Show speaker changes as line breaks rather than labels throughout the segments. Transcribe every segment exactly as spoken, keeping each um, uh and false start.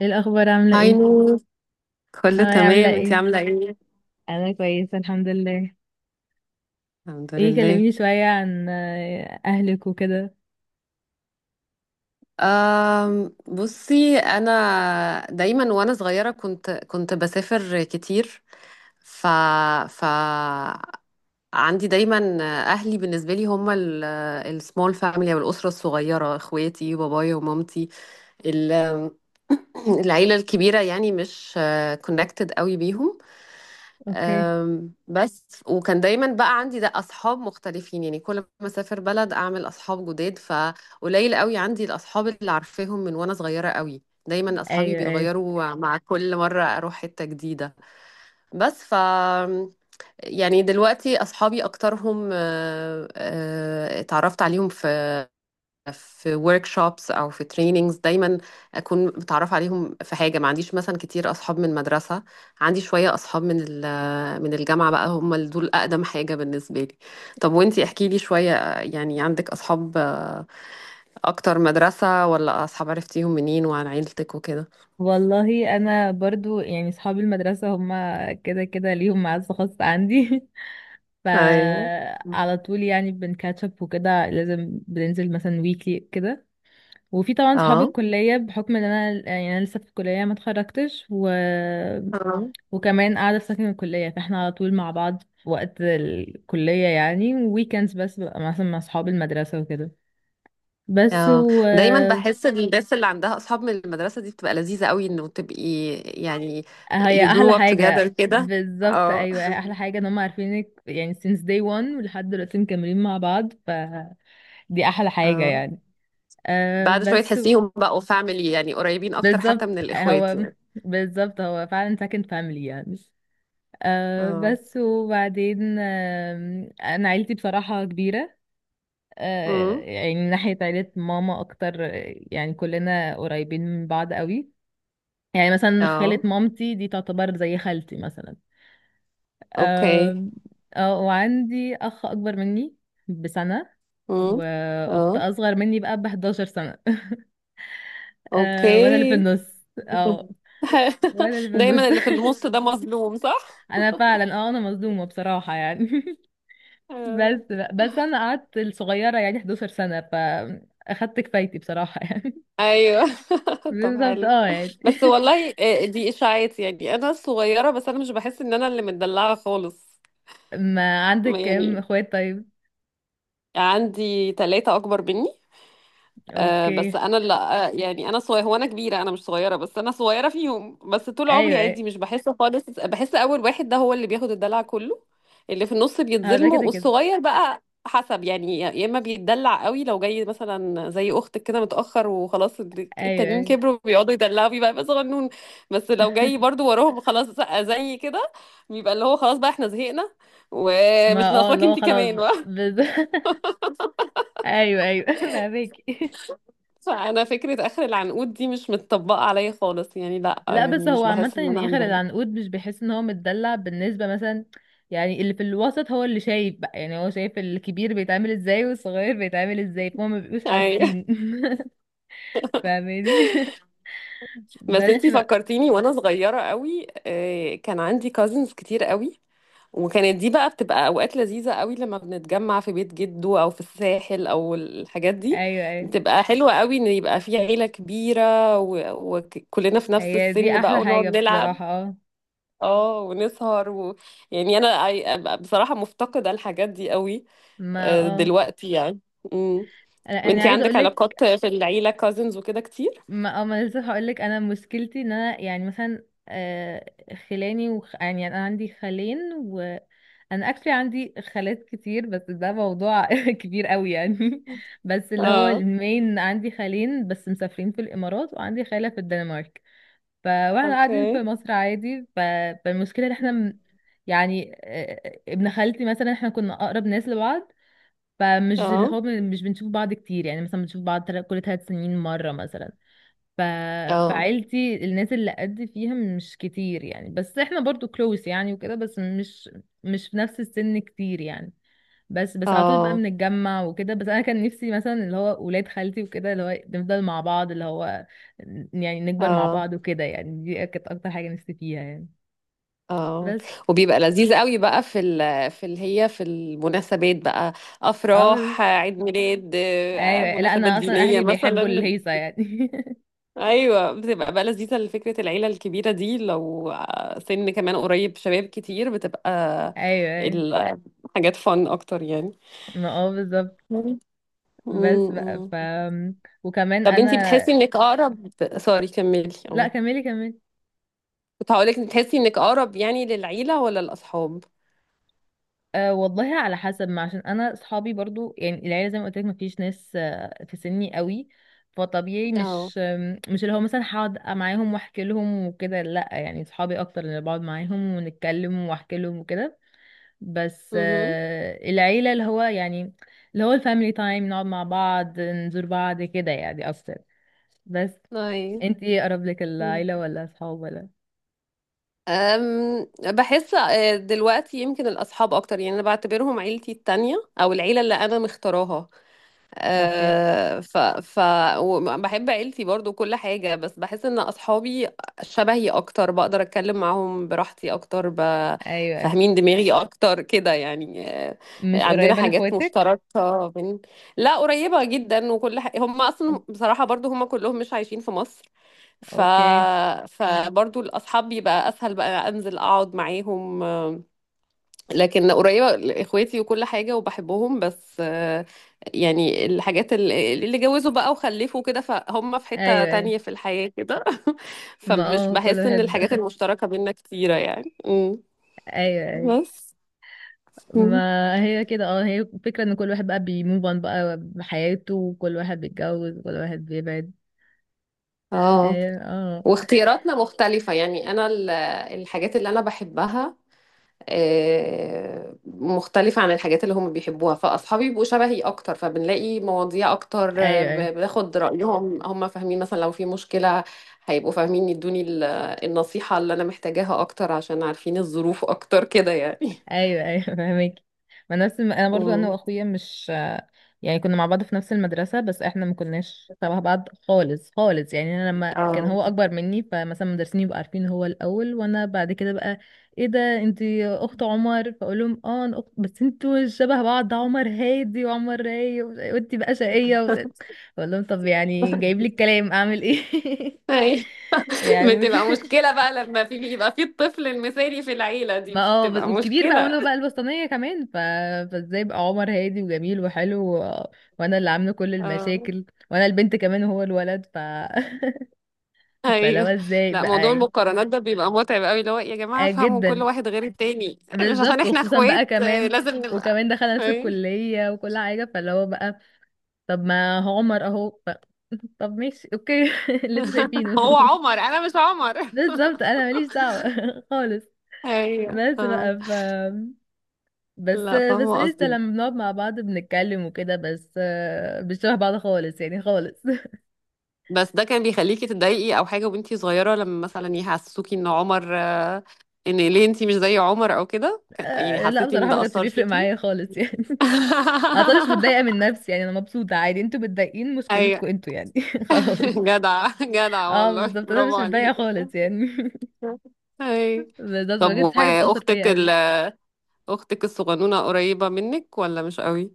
ايه الاخبار؟ عامله
هاي
ايه؟
نور، كله
هاي، عامله
تمام، انتي
ايه؟
عاملة ايه؟
انا كويسه الحمد لله.
الحمد
ايه،
لله.
كلميني شويه عن آه، اهلك وكده.
أم بصي، انا دايما وانا صغيرة كنت كنت بسافر كتير. ف ف عندي دايما. اهلي بالنسبة لي هم السمول فاميلي او الأسرة الصغيرة، اخواتي بابايا ومامتي. ال- العيلة الكبيرة يعني مش كونكتد قوي بيهم.
اوكي.
أم، بس وكان دايما بقى عندي ده اصحاب مختلفين، يعني كل ما اسافر بلد اعمل اصحاب جداد، فقليل قوي عندي الاصحاب اللي عارفاهم من وانا صغيره قوي. دايما اصحابي
ايوه ايوه.
بيتغيروا مع كل مره اروح حته جديده. بس ف يعني دلوقتي اصحابي اكترهم آه، آه، اتعرفت عليهم في في workshops او في trainings. دايما اكون متعرفه عليهم في حاجه، ما عنديش مثلا كتير اصحاب من المدرسه. عندي شويه اصحاب من ال- من الجامعه بقى، هم اللي دول اقدم حاجه بالنسبه لي. طب وانتي احكي لي شويه، يعني عندك اصحاب آه، اكتر مدرسه ولا اصحاب عرفتيهم منين؟ وعن عيلتك وكده.
والله انا برضو يعني صحاب المدرسه هما كده كده ليهم معزه خاصه عندي.
ايوه،
فعلى طول يعني بنكاتشب وكده، لازم بننزل مثلا ويكلي كده. وفي طبعا صحاب
اه،
الكليه بحكم ان انا يعني انا لسه في الكليه ما اتخرجتش، و
اه،
وكمان قاعدة في سكن الكلية، فاحنا على طول مع بعض في وقت الكلية، يعني ويكندز بس ببقى مثلا مع صحاب المدرسة وكده. بس.
اه.
و
دايما بحس ان الناس اللي عندها اصحاب من المدرسه دي بتبقى لذيذه قوي انه تبقي يعني
هي
you
أحلى
grew up together
حاجة
كده.
بالظبط،
اه،
أيوة هي أحلى حاجة إن هم عارفينك يعني since day one ولحد دلوقتي مكملين مع بعض، فدي أحلى حاجة
اه.
يعني. أه
بعد شوية
بس.
تحسيهم بقوا فاميلي، يعني قريبين أكتر حتى
بالظبط
من الإخوات
هو
يعني.
بالظبط هو فعلا سكن فاميلي يعني. أه
اه.
بس وبعدين، آم، أنا عيلتي بصراحة كبيرة. آه،
امم.
يعني من ناحية عيلة ماما أكتر، آه، يعني كلنا قريبين من بعض قوي. يعني مثلا خالة
اه.
مامتي دي تعتبر زي خالتي مثلا.
اوكي.
آم، اه، وعندي أخ أكبر مني بسنة،
امم.
وأخت
اه.
أصغر مني بقى بحداشر سنة. آه، وأنا اللي في
اوكي.
النص، اه وأنا اللي في النص.
دايما اللي في النص ده مظلوم، صح؟
أنا فعلا، اه أنا مظلومة بصراحة يعني.
آه.
بس بس أنا قعدت الصغيرة يعني 11 سنة، فأخدت كفايتي بصراحة يعني.
ايوه. طب
بالظبط،
حلو.
اه يعني.
بس والله آه، دي اشاعات، يعني انا صغيره بس انا مش بحس ان انا اللي متدلعه خالص.
ما عندك كام
يعني
اخوات طيب؟
عندي ثلاثه اكبر مني. آه بس
اوكي،
انا اللي آه يعني انا صغيره، هو انا كبيره، انا مش صغيره، بس انا صغيره فيهم. بس طول عمري
ايوه ايوه.
عادي، مش بحس خالص، بحس اول واحد ده هو اللي بياخد الدلع كله. اللي في النص
هو ده
بيتظلموا،
كده كده،
والصغير بقى حسب يعني، يا اما بيتدلع قوي لو جاي مثلا زي اختك كده متاخر وخلاص
ايوه
التانيين
ايوه.
كبروا بيقعدوا يدلعوا، بيبقى يبقى صغنون. بس لو جاي برضو وراهم خلاص زي كده، بيبقى اللي هو خلاص بقى احنا زهقنا
ما
ومش
اه،
ناقصاكي
لا
انت
خلاص
كمان.
بقى، بز... ايوه ايوه. فهماكي.
فانا فكره اخر العنقود دي مش متطبقه عليا خالص يعني، لا
لا
يعني
بس هو
مش
عامة
بحس ان انا
يعني اخر
عندي.
العنقود مش بيحس ان هو متدلع، بالنسبة مثلا. يعني اللي في الوسط هو اللي شايف بقى، يعني هو شايف الكبير بيتعامل ازاي والصغير بيتعامل ازاي، فهم ما بيبقوش
اي.
حاسين. فاهماني.
بس
بس
انتي
بقى.
فكرتيني، وانا صغيره قوي آه، كان عندي كازنز كتير قوي. وكانت دي بقى بتبقى اوقات لذيذه قوي لما بنتجمع في بيت جده او في الساحل او الحاجات دي.
ايوه ايوه،
بتبقى حلوه قوي ان يبقى في عيله كبيره و- وكلنا في نفس
هي دي
السن بقى
احلى حاجة
ونقعد نلعب.
بصراحة، اه.
اه، ونسهر و... يعني انا، I- بصراحه مفتقده الحاجات دي قوي
ما
آه،
اه،
دلوقتي يعني.
انا أنا
وانتي
عايزة
عندك
اقولك.
علاقات في العيلة، كازنز وكده كتير؟
ما اه، ما لسه هقولك، انا مشكلتي ان انا يعني مثلا، آه خلاني وخ... يعني انا عندي خالين، وانا اكشلي عندي خالات كتير، بس ده موضوع كبير قوي يعني. بس اللي هو
اه.
المين، عندي خالين بس مسافرين في الامارات، وعندي خالة في الدنمارك. ف، واحنا قاعدين
اوكي.
في مصر عادي. ف... فالمشكلة ان احنا، م- يعني آه، ابن خالتي مثلا، احنا كنا اقرب ناس لبعض. فمش اللي
اه.
هو، بن- مش بنشوف بعض كتير، يعني مثلا بنشوف بعض تل- كل ثلاث سنين مرة مثلا. ف...
اه.
فعيلتي الناس اللي قد فيها مش كتير يعني، بس احنا برضو كلوس يعني وكده، بس مش مش في نفس السن كتير يعني. بس بس على طول بقى
اه.
بنتجمع وكده، بس انا كان نفسي مثلا اللي هو ولاد خالتي وكده، اللي هو نفضل مع بعض، اللي هو يعني نكبر مع
اه.
بعض وكده، يعني دي كانت اكتر حاجة نفسي فيها يعني.
اه.
بس.
وبيبقى لذيذ قوي بقى في ال في ال هي في المناسبات بقى،
اه بس-
افراح، عيد ميلاد، آه،
ايوه، لا
مناسبات
انا اصلا
دينية
اهلي بيحبوا
مثلا.
الهيصة يعني.
ايوه، بتبقى بقى لذيذة. لفكرة العيلة الكبيرة دي لو آه، سن كمان قريب، شباب كتير، بتبقى
ايوه ايوه،
الحاجات فن اكتر يعني.
ما اه بالظبط. بس بقى.
مم.
ف وكمان
طب
انا.
انتي بتحسي انك اقرب، سوري كملي.
لا
اه.
كملي كملي.
كنت هقولك بتحسي انك اقرب يعني للعيلة ولا الاصحاب؟
أه والله على حسب، ما عشان انا اصحابي برضو يعني العيله زي ما قلت لك ما فيش ناس آه، في سني قوي. فطبيعي
اه.
مش آم، مش اللي هو مثلا هقعد معاهم واحكي لهم وكده، لا يعني اصحابي اكتر اللي بقعد معاهم ونتكلم واحكي لهم وكده. بس
امم.
آه، العيله اللي هو يعني، اللي هو الفاميلي تايم، نقعد مع بعض نزور بعض كده يعني اكتر. بس
اي.
انت ايه اقرب لك، العيله ولا اصحاب ولا؟
أم بحس آه، دلوقتي يمكن الاصحاب اكتر، يعني انا بعتبرهم عيلتي التانية او العيلة اللي انا مختاراها.
اوكي.
آه، ف ف وم- بحب عيلتي برضو كل حاجة، بس بحس ان اصحابي شبهي اكتر، بقدر اتكلم معاهم براحتي اكتر ب...
ايوه.
فاهمين دماغي اكتر كده يعني. آه،
مش
عندنا
قريبه
حاجات
لاخواتك؟
مشتركة بين. لا، قريبة جدا، وكل ح... هم اصلا بصراحة برضو هم كلهم مش عايشين في مصر. ف
اوكي،
فبرضو الاصحاب بيبقى اسهل بقى انزل اقعد معاهم، لكن قريبة لإخواتي وكل حاجة وبحبهم. بس آه، يعني الحاجات اللي اللي جوزوا بقى وخلفوا كده، فهم في حتة
ايوه.
تانية في الحياة كده.
ما
فمش
اه كل
بحس إن
واحد.
الحاجات المشتركة بينا كتيرة يعني. أمم،
ايوه ايوه.
بس أمم.
ما هي كده، اه هي فكرة ان كل واحد بقى بيموف اون بقى بحياته، وكل واحد بيتجوز وكل واحد بيبعد.
اه،
ايوه اه،
واختياراتنا مختلفة، يعني أنا ال- الحاجات اللي أنا بحبها آه، مختلفة عن الحاجات اللي هم بيحبوها. فأصحابي بيبقوا شبهي أكتر، فبنلاقي مواضيع أكتر، آه،
ايوه ايوه.
ب- باخد رأيهم، هم فاهمين مثلا لو في مشكلة هيبقوا فاهمين يدوني ال- النصيحة اللي أنا محتاجاها أكتر، عشان عارفين الظروف أكتر كده يعني.
ايوه ايوه. فاهمك. ما نفس الم... انا برضو انا
مم.
واخويا مش، يعني كنا مع بعض في نفس المدرسه، بس احنا ما كناش تبع بعض خالص خالص يعني. انا لما كان هو
اه.
اكبر مني، فمثلا المدرسين يبقوا عارفين هو الاول وانا بعد كده، بقى ايه ده انت اخت عمر؟ فاقول لهم اه انا اخت، بس انتوا مش شبه بعض، ده عمر هادي وعمر رايق، و- وانت بقى شقيه و... اقول لهم طب يعني جايب لي الكلام اعمل ايه.
أي.
يعني.
بتبقى مشكلة بقى لما في بيبقى في الطفل المثالي في العيلة،
ما
دي
اه، بس-
بتبقى
والكبير بقى
مشكلة.
وانا بقى الوسطانية كمان، ف... فازاي بقى عمر هادي وجميل وحلو و... وانا اللي عاملة كل
اه.
المشاكل، وانا البنت كمان وهو الولد، ف. فلو
ايوه.
ازاي
لا، موضوع
بقى.
المقارنات ده بيبقى متعب قوي، اللي هو يا جماعه
آه
فهموا كل
جدا.
واحد غير التاني، مش عشان
بالظبط،
احنا
وخصوصا بقى
اخوات آه،
كمان.
لازم نبقى.
وكمان دخل نفس
اي.
الكلية وكل حاجة، فاللي هو بقى طب ما هو عمر اهو. ف... طب ماشي اوكي. اللي انتوا شايفينه.
هو عمر، انا مش عمر.
بالظبط انا ماليش دعوة خالص.
ايوه.
بس
اه.
بقى. بس
لا،
بس
فاهمه
قشطة
قصدك.
لما بنقعد مع بعض بنتكلم وكده، بس آه، مش شبه بعض خالص يعني خالص.
بس ده كان بيخليكي تتضايقي او حاجه وانتي صغيره لما مثلا يحسسوكي ان عمر، آه، ان ليه انتي مش زي عمر او كده، كان- يعني
آه، لا
حسيتي ان
بصراحة ما
ده
كانش
اثر
بيفرق
فيكي؟
معايا خالص يعني. انا طبعا مش متضايقة من نفسي يعني، انا مبسوطة عادي، انتوا متضايقين
ايوه.
مشكلتكم انتوا يعني. خلاص.
جدع جدع
اه
والله،
بالظبط، انا
برافو
مش متضايقة
عليكي.
خالص يعني.
اي.
بالظبط،
طب
ما كانتش حاجة بتأثر
واختك
فيا
ال...
قوي.
اختك الصغنونه قريبه منك ولا مش قوي؟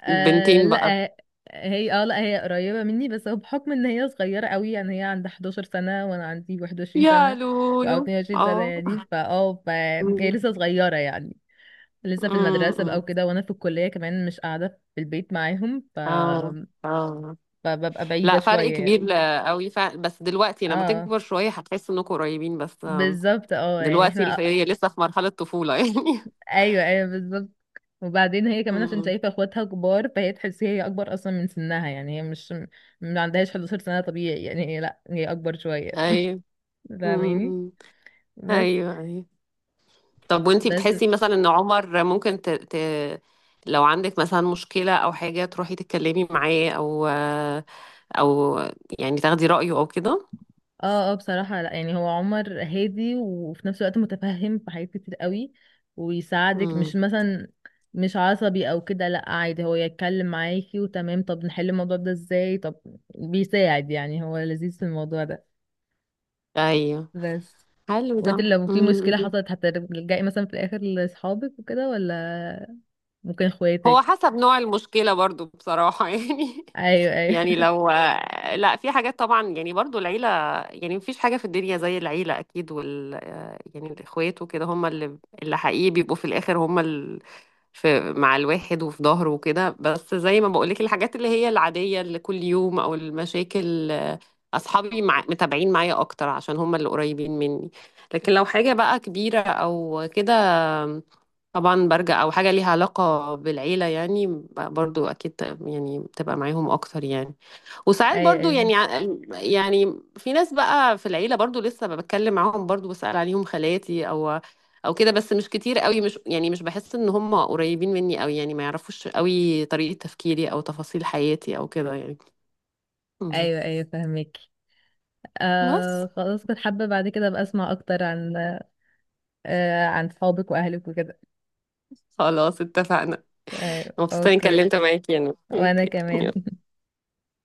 آه
البنتين بقى.
لا. هي اه لا، هي قريبة مني، بس هو بحكم ان هي صغيرة قوي يعني، هي عندها 11 سنة وانا عندي 21
يا
سنة او
لولو.
22 سنة
اه.
يعني. فاه فهي
أمم،
لسه صغيرة يعني، لسه في المدرسة بقى
أمم.
وكده، وانا في الكلية كمان مش قاعدة في البيت معاهم. ف...
اه، اه،
فببقى بعيدة
لا فرق
شوية يعني.
كبير قوي. ف... بس دلوقتي لما
اه
تكبر شويه هتحس انكم قريبين. بس آم،
بالظبط، اه يعني
دلوقتي الف-
احنا.
هي لسه في مرحله طفوله يعني.
ايوه ايوه بالظبط. وبعدين هي كمان عشان
أمم.
شايفة اخواتها كبار فهي تحس هي اكبر اصلا من سنها يعني، هي مش ما عندهاش 11 سنة طبيعي يعني، هي لا هي اكبر شوية.
ايوه. أمم،
فاهماني.
أمم.
بس
ايوه، ايوه. طب وانتي
بس
بتحسي مثلا ان عمر ممكن ت... ت... لو عندك مثلا مشكلة او حاجة تروحي تتكلمي معاه، او او يعني تاخدي رأيه او كده؟
اه اه، بصراحة لا يعني هو عمر هادي، وفي نفس الوقت متفهم في حاجات كتير قوي، ويساعدك، مش
امم.
مثلا، مش عصبي او كده، لا عادي، هو يتكلم معاكي وتمام، طب نحل الموضوع ده ازاي، طب بيساعد يعني، هو لذيذ في الموضوع ده.
ايوه.
بس،
حلو ده.
وانت لو في
امم.
مشكلة حصلت هترجعي مثلا في الاخر لاصحابك وكده، ولا ممكن
هو
اخواتك؟
حسب نوع المشكلة برضو بصراحة، يعني.
ايوه ايوه.
يعني لو، لا، في حاجات طبعا يعني برضو العيلة، يعني مفيش حاجة في الدنيا زي العيلة أكيد، وال يعني الإخوات وكده هم اللي اللي حقيقي بيبقوا في الآخر، هم في مع الواحد وفي ظهره وكده. بس زي ما بقولك الحاجات اللي هي العادية اللي كل يوم أو المشاكل، آه، أصحابي مع متابعين معايا أكتر عشان هم اللي قريبين مني. لكن لو حاجة بقى كبيرة أو كده، آم، طبعا برجع، أو حاجة ليها علاقة بالعيلة يعني، ب- برضو أكيد، يعني بتبقى معاهم أكتر يعني. وساعات
ايوه
برضو
ايوه.
يعني ع- يعني في ناس بقى في العيلة برضو لسه بتكلم معاهم، برضو بسأل عليهم خالاتي او او كده، بس مش كتير قوي. مش يعني، مش بحس ان هم قريبين مني قوي يعني، ما يعرفوش قوي طريقة تفكيري او تفاصيل حياتي او كده يعني. مهم.
ايوه ايوه فهمك.
بس
آه خلاص كنت حابة بعد كده ابقى اسمع اكتر عن آه عن صحابك واهلك وكده.
خلاص اتفقنا.
أيوة.
مبسوطة اني
اوكي.
اتكلمت معاكي انا،
وانا
اوكي يلا.
كمان.